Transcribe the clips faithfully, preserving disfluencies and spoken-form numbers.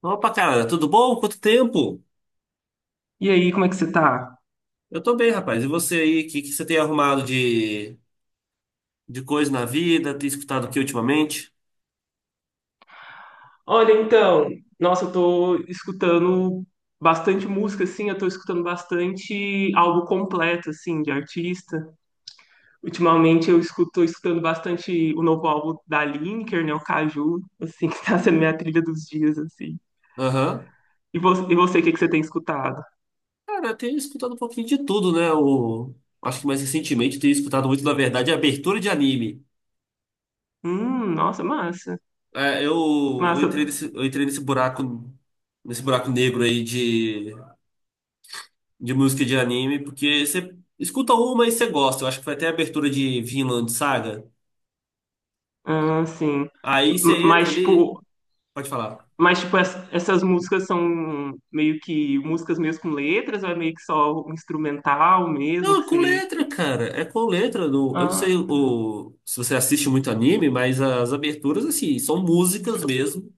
Opa, cara, tudo bom? Quanto tempo? E aí, como é que você tá? Eu tô bem, rapaz. E você aí? O que, que você tem arrumado de, de coisa na vida? Tem escutado o que ultimamente? Olha, então, nossa, eu tô escutando bastante música, assim, eu tô escutando bastante álbum completo, assim, de artista. Ultimamente eu escuto, tô escutando bastante o novo álbum da Lineker, né, o Caju, assim, que tá sendo minha trilha dos dias, assim. Aham. E você, e você, o que que você tem escutado? Cara, eu tenho escutado um pouquinho de tudo, né? O, acho que mais recentemente eu tenho escutado muito, na verdade, abertura de anime. Hum, nossa, massa, É, eu, eu massa, entrei nesse, eu entrei nesse buraco, nesse buraco negro aí de, de música de anime, porque você escuta uma e você gosta. Eu acho que foi até a abertura de Vinland Saga. ah, sim. Aí M- você entra Mas, ali. tipo, Pode falar. Mas, tipo, es- essas músicas são meio que músicas mesmo com letras, ou é meio que só um instrumental mesmo, Não, que é com você. letra, cara. É com letra. Do... Eu não sei Ah, tá. o... se você assiste muito anime, mas as aberturas, assim, são músicas mesmo.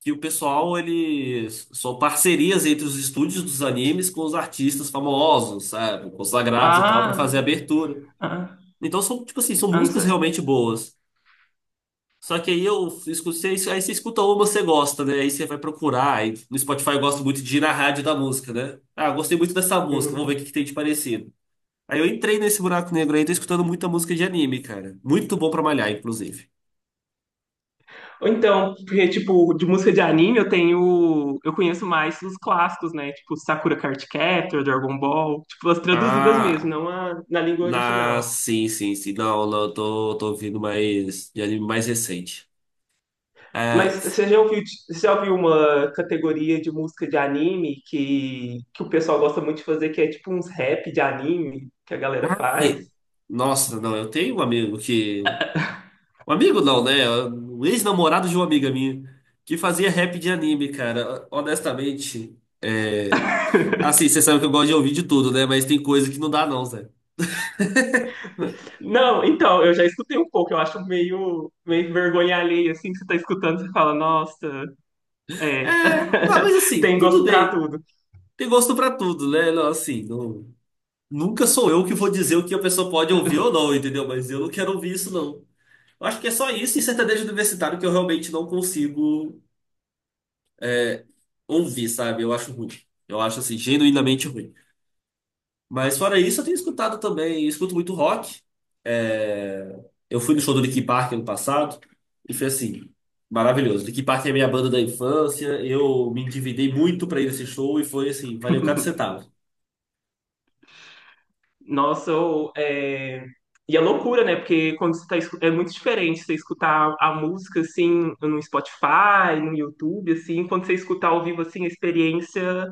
Que o pessoal, eles. São parcerias entre os estúdios dos animes com os artistas famosos, sabe? Consagrados e tal, pra fazer a Ah, abertura. ah, Então, são, tipo assim, são ah, não músicas sei. realmente boas. Só que aí eu escutei, isso- aí você escuta uma, você gosta, né? Aí você vai procurar. Aí no Spotify eu gosto muito de ir na rádio da música, né? Ah, gostei muito dessa música, vamos ver o que Uhum. que tem de parecido. Aí eu entrei nesse buraco negro aí, tô escutando muita música de anime, cara. Muito bom pra malhar, inclusive. Ou então, porque, tipo, de música de anime eu tenho. Eu conheço mais os clássicos, né? Tipo, Sakura Card Captor, Dragon Ball. Tipo, as traduzidas mesmo, Ah, não a, na língua na, original. sim, sim, sim. Não, não, eu tô, tô ouvindo mais de anime mais recente. É, Mas você já ouviu, você já ouviu uma categoria de música de anime que, que o pessoal gosta muito de fazer, que é tipo uns rap de anime que a galera faz? sim. Nossa, não, eu tenho um amigo que. Um amigo não, né? Um ex-namorado de uma amiga minha que fazia rap de anime, cara. Honestamente. É... Assim, você sabe que eu gosto de ouvir de tudo, né? Mas tem coisa que não dá, não, Zé. Não, então, eu já escutei um pouco, eu acho meio, meio vergonha alheia, assim, que você tá escutando, você fala, nossa, é, É, não, mas assim, tem tudo gosto pra bem. tudo. Tem gosto pra tudo, né? Não, assim, não. Nunca sou eu que vou dizer o que a pessoa pode ouvir ou não, entendeu? Mas eu não quero ouvir isso, não. Eu acho que é só isso e sertanejo universitário que eu realmente não consigo ouvir, sabe? Eu acho ruim. Eu acho, assim, genuinamente ruim. Mas fora isso, eu tenho escutado também, eu escuto muito rock. É, eu fui no show do Linkin Park ano passado e foi assim, maravilhoso. Linkin Park é a minha banda da infância, eu me endividei muito pra ir nesse show e foi assim, valeu cada centavo. Nossa, ou é, e é loucura, né? Porque quando você tá, escu- é muito diferente você escutar a música assim no Spotify, no YouTube, assim, quando você escutar ao vivo assim, a experiência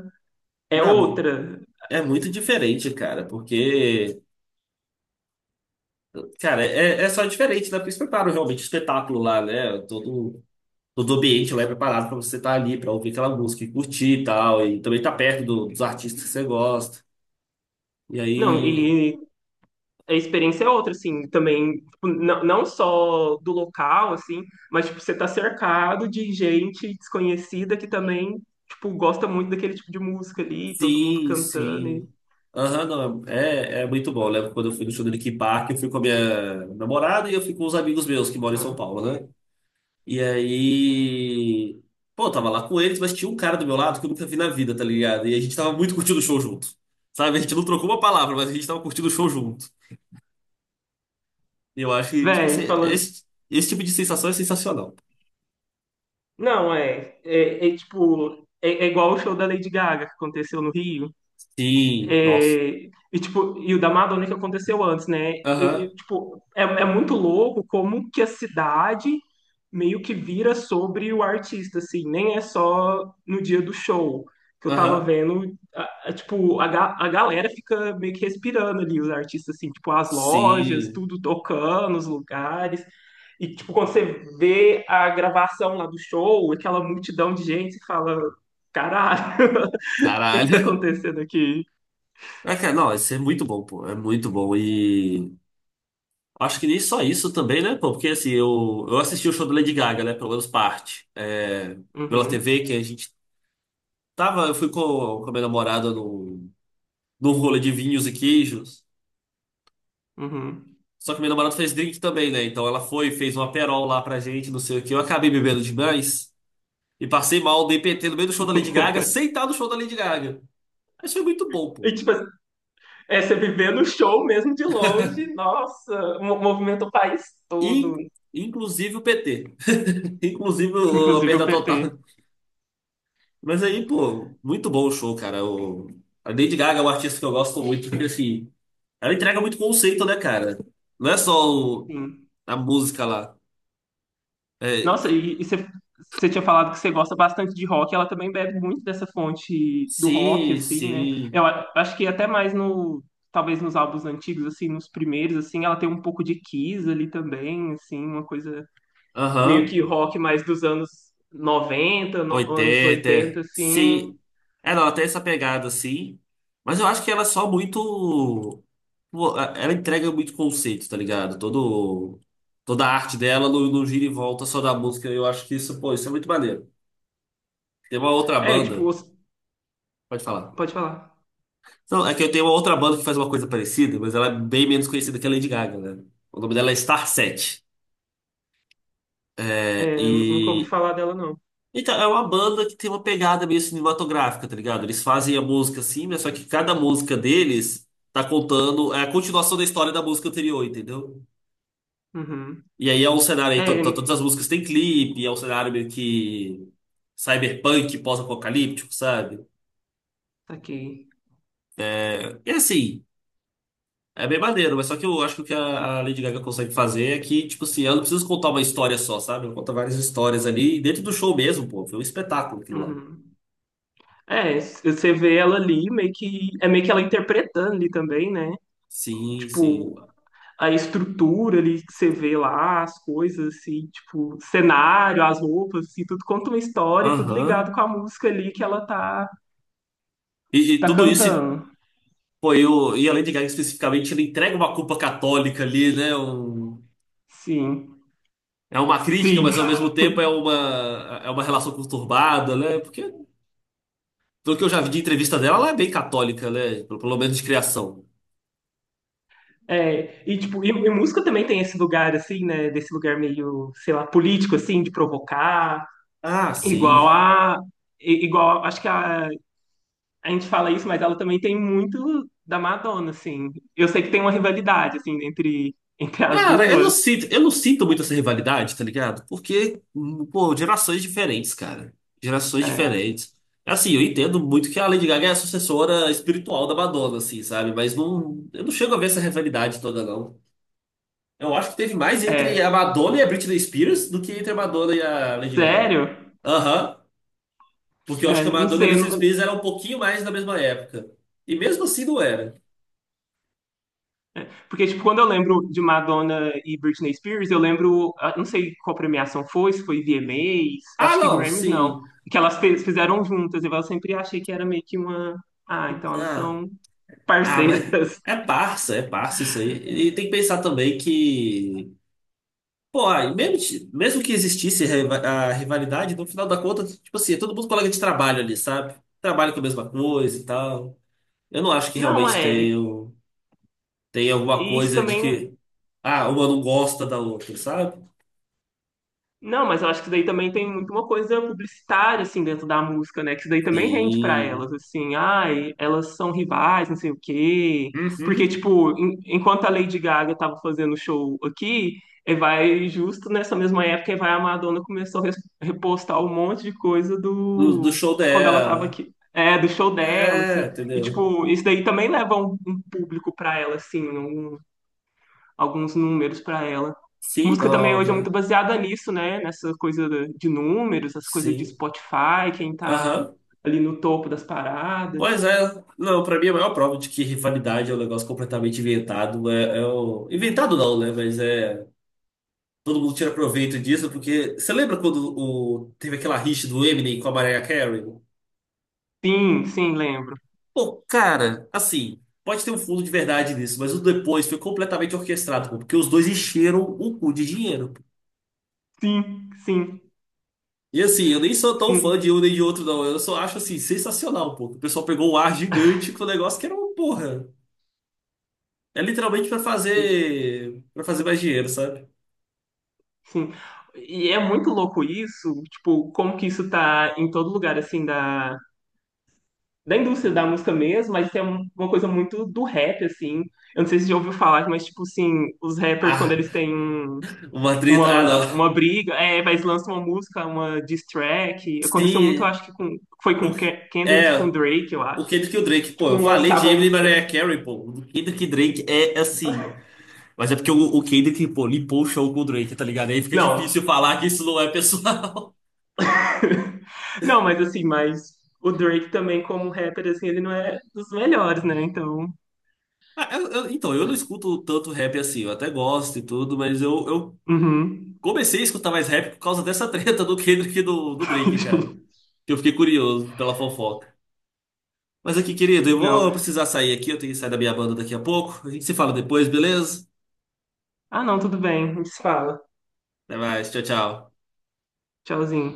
é Não, não- outra. é muito diferente, cara, porque cara, é, é só diferente, né? Porque eles preparam realmente o espetáculo lá, né? Todo, todo ambiente lá é preparado pra você estar ali, pra ouvir aquela música e curtir e tal. E também tá perto do- dos artistas que você gosta. E Não, aí, e a experiência é outra, assim, também, tipo, não, não só do local, assim, mas, tipo, você tá cercado de gente desconhecida que também, tipo, gosta muito daquele tipo de música ali, todo mundo sim, cantando e... sim. Aham, não, é, é muito bom. Eu lembro quando eu fui no show do Linkin Park, eu fui com a minha namorada e eu fui com os amigos meus que moram em São Aham. Paulo, né? E aí. Pô, eu tava lá com eles, mas tinha um cara do meu lado que eu nunca vi na vida, tá ligado? E a gente tava muito curtindo o show junto. Sabe? A gente não trocou uma palavra, mas a gente tava curtindo o show junto. E eu acho que, tipo assim, Véi, falando... esse, esse tipo de sensação é sensacional. Não, é, é, é, tipo, é, é igual o show da Lady Gaga que aconteceu no Rio. Sim, nossa. É, e, tipo, e o da Madonna que aconteceu antes, né? E, Aham, e, tipo, é, é muito louco como que a cidade meio que vira sobre o artista, assim. Nem é só no dia do show que eu tava aham. vendo. a- a- tipo, a, ga- a galera fica meio que respirando ali, os artistas, assim. Tipo, as lojas, Sim, tudo tocando, os lugares. E, tipo, quando você vê a gravação lá do show, aquela multidão de gente, você fala... Caralho, o que que tá caralho. acontecendo aqui? É, cara, não, isso é muito bom, pô. É muito bom. E acho que nem só isso também, né, pô? Porque assim, eu, eu assisti o show da Lady Gaga, né? Pelo menos parte. É, pela T V, Uhum. que a gente tava, eu fui com, com a minha namorada num, num rolê de vinhos e queijos. Uhum. Só que minha namorada fez drink também, né? Então ela foi, fez uma perol lá pra gente, não sei o quê. Eu acabei bebendo demais e passei mal, dei P T no meio do show da Lady Gaga, sem estar no show da Lady Gaga. Mas foi muito bom, pô. E tipo, é você viver no show mesmo de longe, nossa, mo- movimenta o país In- todo, inclusive o P T. Inclusive o- a inclusive o perda P T. total. Mas aí, pô, muito bom o show, cara. O, a Lady Gaga é um artista que eu gosto muito, porque assim, ela entrega muito conceito, né, cara? Não é só o- Sim. a música lá. É, Nossa, e, e você, você tinha falado que você gosta bastante de rock, ela também bebe muito dessa fonte do rock, sim, assim, né? sim. Eu a- acho que até mais no, talvez nos álbuns antigos, assim, nos primeiros, assim, ela tem um pouco de Kiss ali também, assim, uma coisa meio Aham. que rock mais dos anos noventa no- anos Oitenta oitenta assim. sim. É, não, até essa pegada, sim. Mas eu acho que ela é só muito. Pô, a- ela entrega muito conceito, tá ligado? Todo... Toda a arte dela não, não gira e volta só da música. Eu acho que isso, pô, isso é muito maneiro. Tem uma outra É, tipo, banda. os- Pode falar. pode falar. Não, é que eu tenho uma outra banda que faz uma coisa parecida, mas ela é bem menos conhecida que a Lady Gaga, né? O nome dela é Star Set. É, Eu nunca ouvi e falar dela, não. então, é uma banda que tem uma pegada meio cinematográfica, tá ligado? Eles fazem a música assim, mas só que cada música deles tá contando é a continuação da história da música anterior, entendeu? Uhum. E aí é um cenário aí, to- to- todas É, as músicas têm clipe, é um cenário meio que cyberpunk, pós-apocalíptico, sabe? tá aqui. É, e assim, é bem maneiro, mas só que eu acho que o que a a Lady Gaga consegue fazer é que, tipo assim, ela não precisa contar uma história só, sabe? Ela conta várias histórias ali, e dentro do show mesmo, pô, foi um espetáculo aquilo lá. Uhum. É, c- você vê ela ali, meio que. É meio que ela interpretando ali também, né? Sim, Tipo, sim. a estrutura ali que você vê lá, as coisas, assim, tipo, cenário, as roupas, assim, tudo conta uma história, e tudo ligado Aham. com a música ali que ela tá, E, e tá tudo isso cantando. foi o. E além de Gaga especificamente, ele entrega uma culpa católica ali, né? Um- Sim. é uma crítica, Sim, mas ao mesmo tempo é uma, é uma relação conturbada, né? Porque, do que eu já vi de entrevista dela, ela é bem católica, né? Pelo, pelo menos de criação. é, e tipo, e, e música também tem esse lugar assim, né, desse lugar meio, sei lá, político assim, de provocar, Ah, igual sim. a. i- Igual, acho que a, a gente fala isso, mas ela também tem muito da Madonna, assim. Eu sei que tem uma rivalidade, assim, entre, entre as Cara, eu não duas. sinto, eu não sinto muito essa rivalidade, tá ligado? Porque, hum, pô, gerações diferentes, cara. Gerações É, diferentes. Assim, eu entendo muito que a Lady Gaga é a sucessora espiritual da Madonna, assim, sabe? Mas não, eu não chego a ver essa rivalidade toda, não. Eu acho que teve mais entre a é, Madonna e a Britney Spears do que entre a Madonna e a Lady Gaga. sério? Aham. Porque eu acho É, que a não Madonna e a sei. Eu Britney não- Spears eram um pouquinho mais da mesma época. E mesmo assim não era. porque, tipo, quando eu lembro de Madonna e Britney Spears, eu lembro. Ah, não sei qual premiação foi, se foi V M As, eu Ah, acho que não, Grammys não. sim. Que elas fe- fizeram juntas. E eu sempre achei que era meio que uma. Ah, então elas Ah, são ah, mas parceiras. é parça, é parça isso aí. E tem que pensar também que. Pô, aí, mesmo, ti- mesmo que existisse a riva- a rivalidade, no final da conta, tipo assim, é todo mundo colega de trabalho ali, sabe? Trabalha com a mesma coisa e tal. Eu não acho que Não, realmente é. tenha, E tenha alguma e isso coisa de também. que. Ah, uma não gosta da outra, sabe? Não, mas eu acho que isso daí também tem muito uma coisa publicitária, assim, dentro da música, né? Que isso daí também rende pra Sim. elas, assim, ai, elas são rivais, não sei o quê. Porque, Uhum. tipo, en- enquanto a Lady Gaga tava fazendo show aqui, eh, vai justo nessa mesma época, eh, vai a Madonna começou a res- repostar um monte de coisa Do, do do show de quando ela tava dela. aqui. É, do show dela, assim. É, E, entendeu? tipo, isso daí também leva um, um público pra ela, assim, alguns números para ela. Sim, Música também hoje é muito óbvio. baseada nisso, né? Nessa coisa de números, as coisas de Sim. Spotify, quem tá Aham. ali no topo das paradas. Pois é. Não, pra mim a maior prova de que rivalidade é um negócio completamente inventado. É, é o... Inventado não, né? Mas é. Todo mundo tira proveito disso, porque. Você lembra quando o... teve aquela rixa do Eminem com a Mariah Carey? Sim, sim, lembro. Pô, cara, assim, pode ter um fundo de verdade nisso, mas o depois foi completamente orquestrado, pô, porque os dois encheram o cu de dinheiro. Pô. Sim, sim, E assim, eu nem sou tão fã sim, de um nem de outro, não. Eu só acho assim, sensacional, pô. Que o pessoal pegou um ar gigante com o negócio que era uma porra. É literalmente pra e- fazer, para fazer mais dinheiro, sabe? sim. E é muito louco isso, tipo, como que isso tá em todo lugar, assim, da, da indústria da música mesmo, mas tem uma coisa muito do rap, assim. Eu não sei se você já ouviu falar, mas, tipo, assim, os rappers, quando Ah, eles têm um uma treta. Ah, uma, não. uma briga, é, mas lança uma música, uma diss track. Aconteceu muito, eu Se. acho que com, foi com Pô, Ke- Kendrick, e com é, Drake, eu o acho. Kendrick e o Drake, pô, Tipo, eu um falei de lançava a Eminem e música. Mariah Carey, pô. O Kendrick e Drake é assim. Mas é porque o, o Kendrick, pô, limpou o show com o Drake, tá ligado? Aí fica Não. difícil falar que isso não é pessoal. Não, mas assim, mas o Drake também, como rapper, assim, ele não é dos melhores, né? Então. Ah, eu- eu- então, eu não escuto tanto rap assim, eu até gosto e tudo, mas eu, eu Uhum. comecei a escutar mais rap por causa dessa treta do Kendrick e do, do Drake, cara. Que eu fiquei curioso pela fofoca. Mas aqui, querido, eu vou Não. precisar sair aqui, eu tenho que sair da minha banda daqui a pouco. A gente se fala depois, beleza? Ah, não, tudo bem. A gente se fala. Até mais, tchau, tchau. Tchauzinho.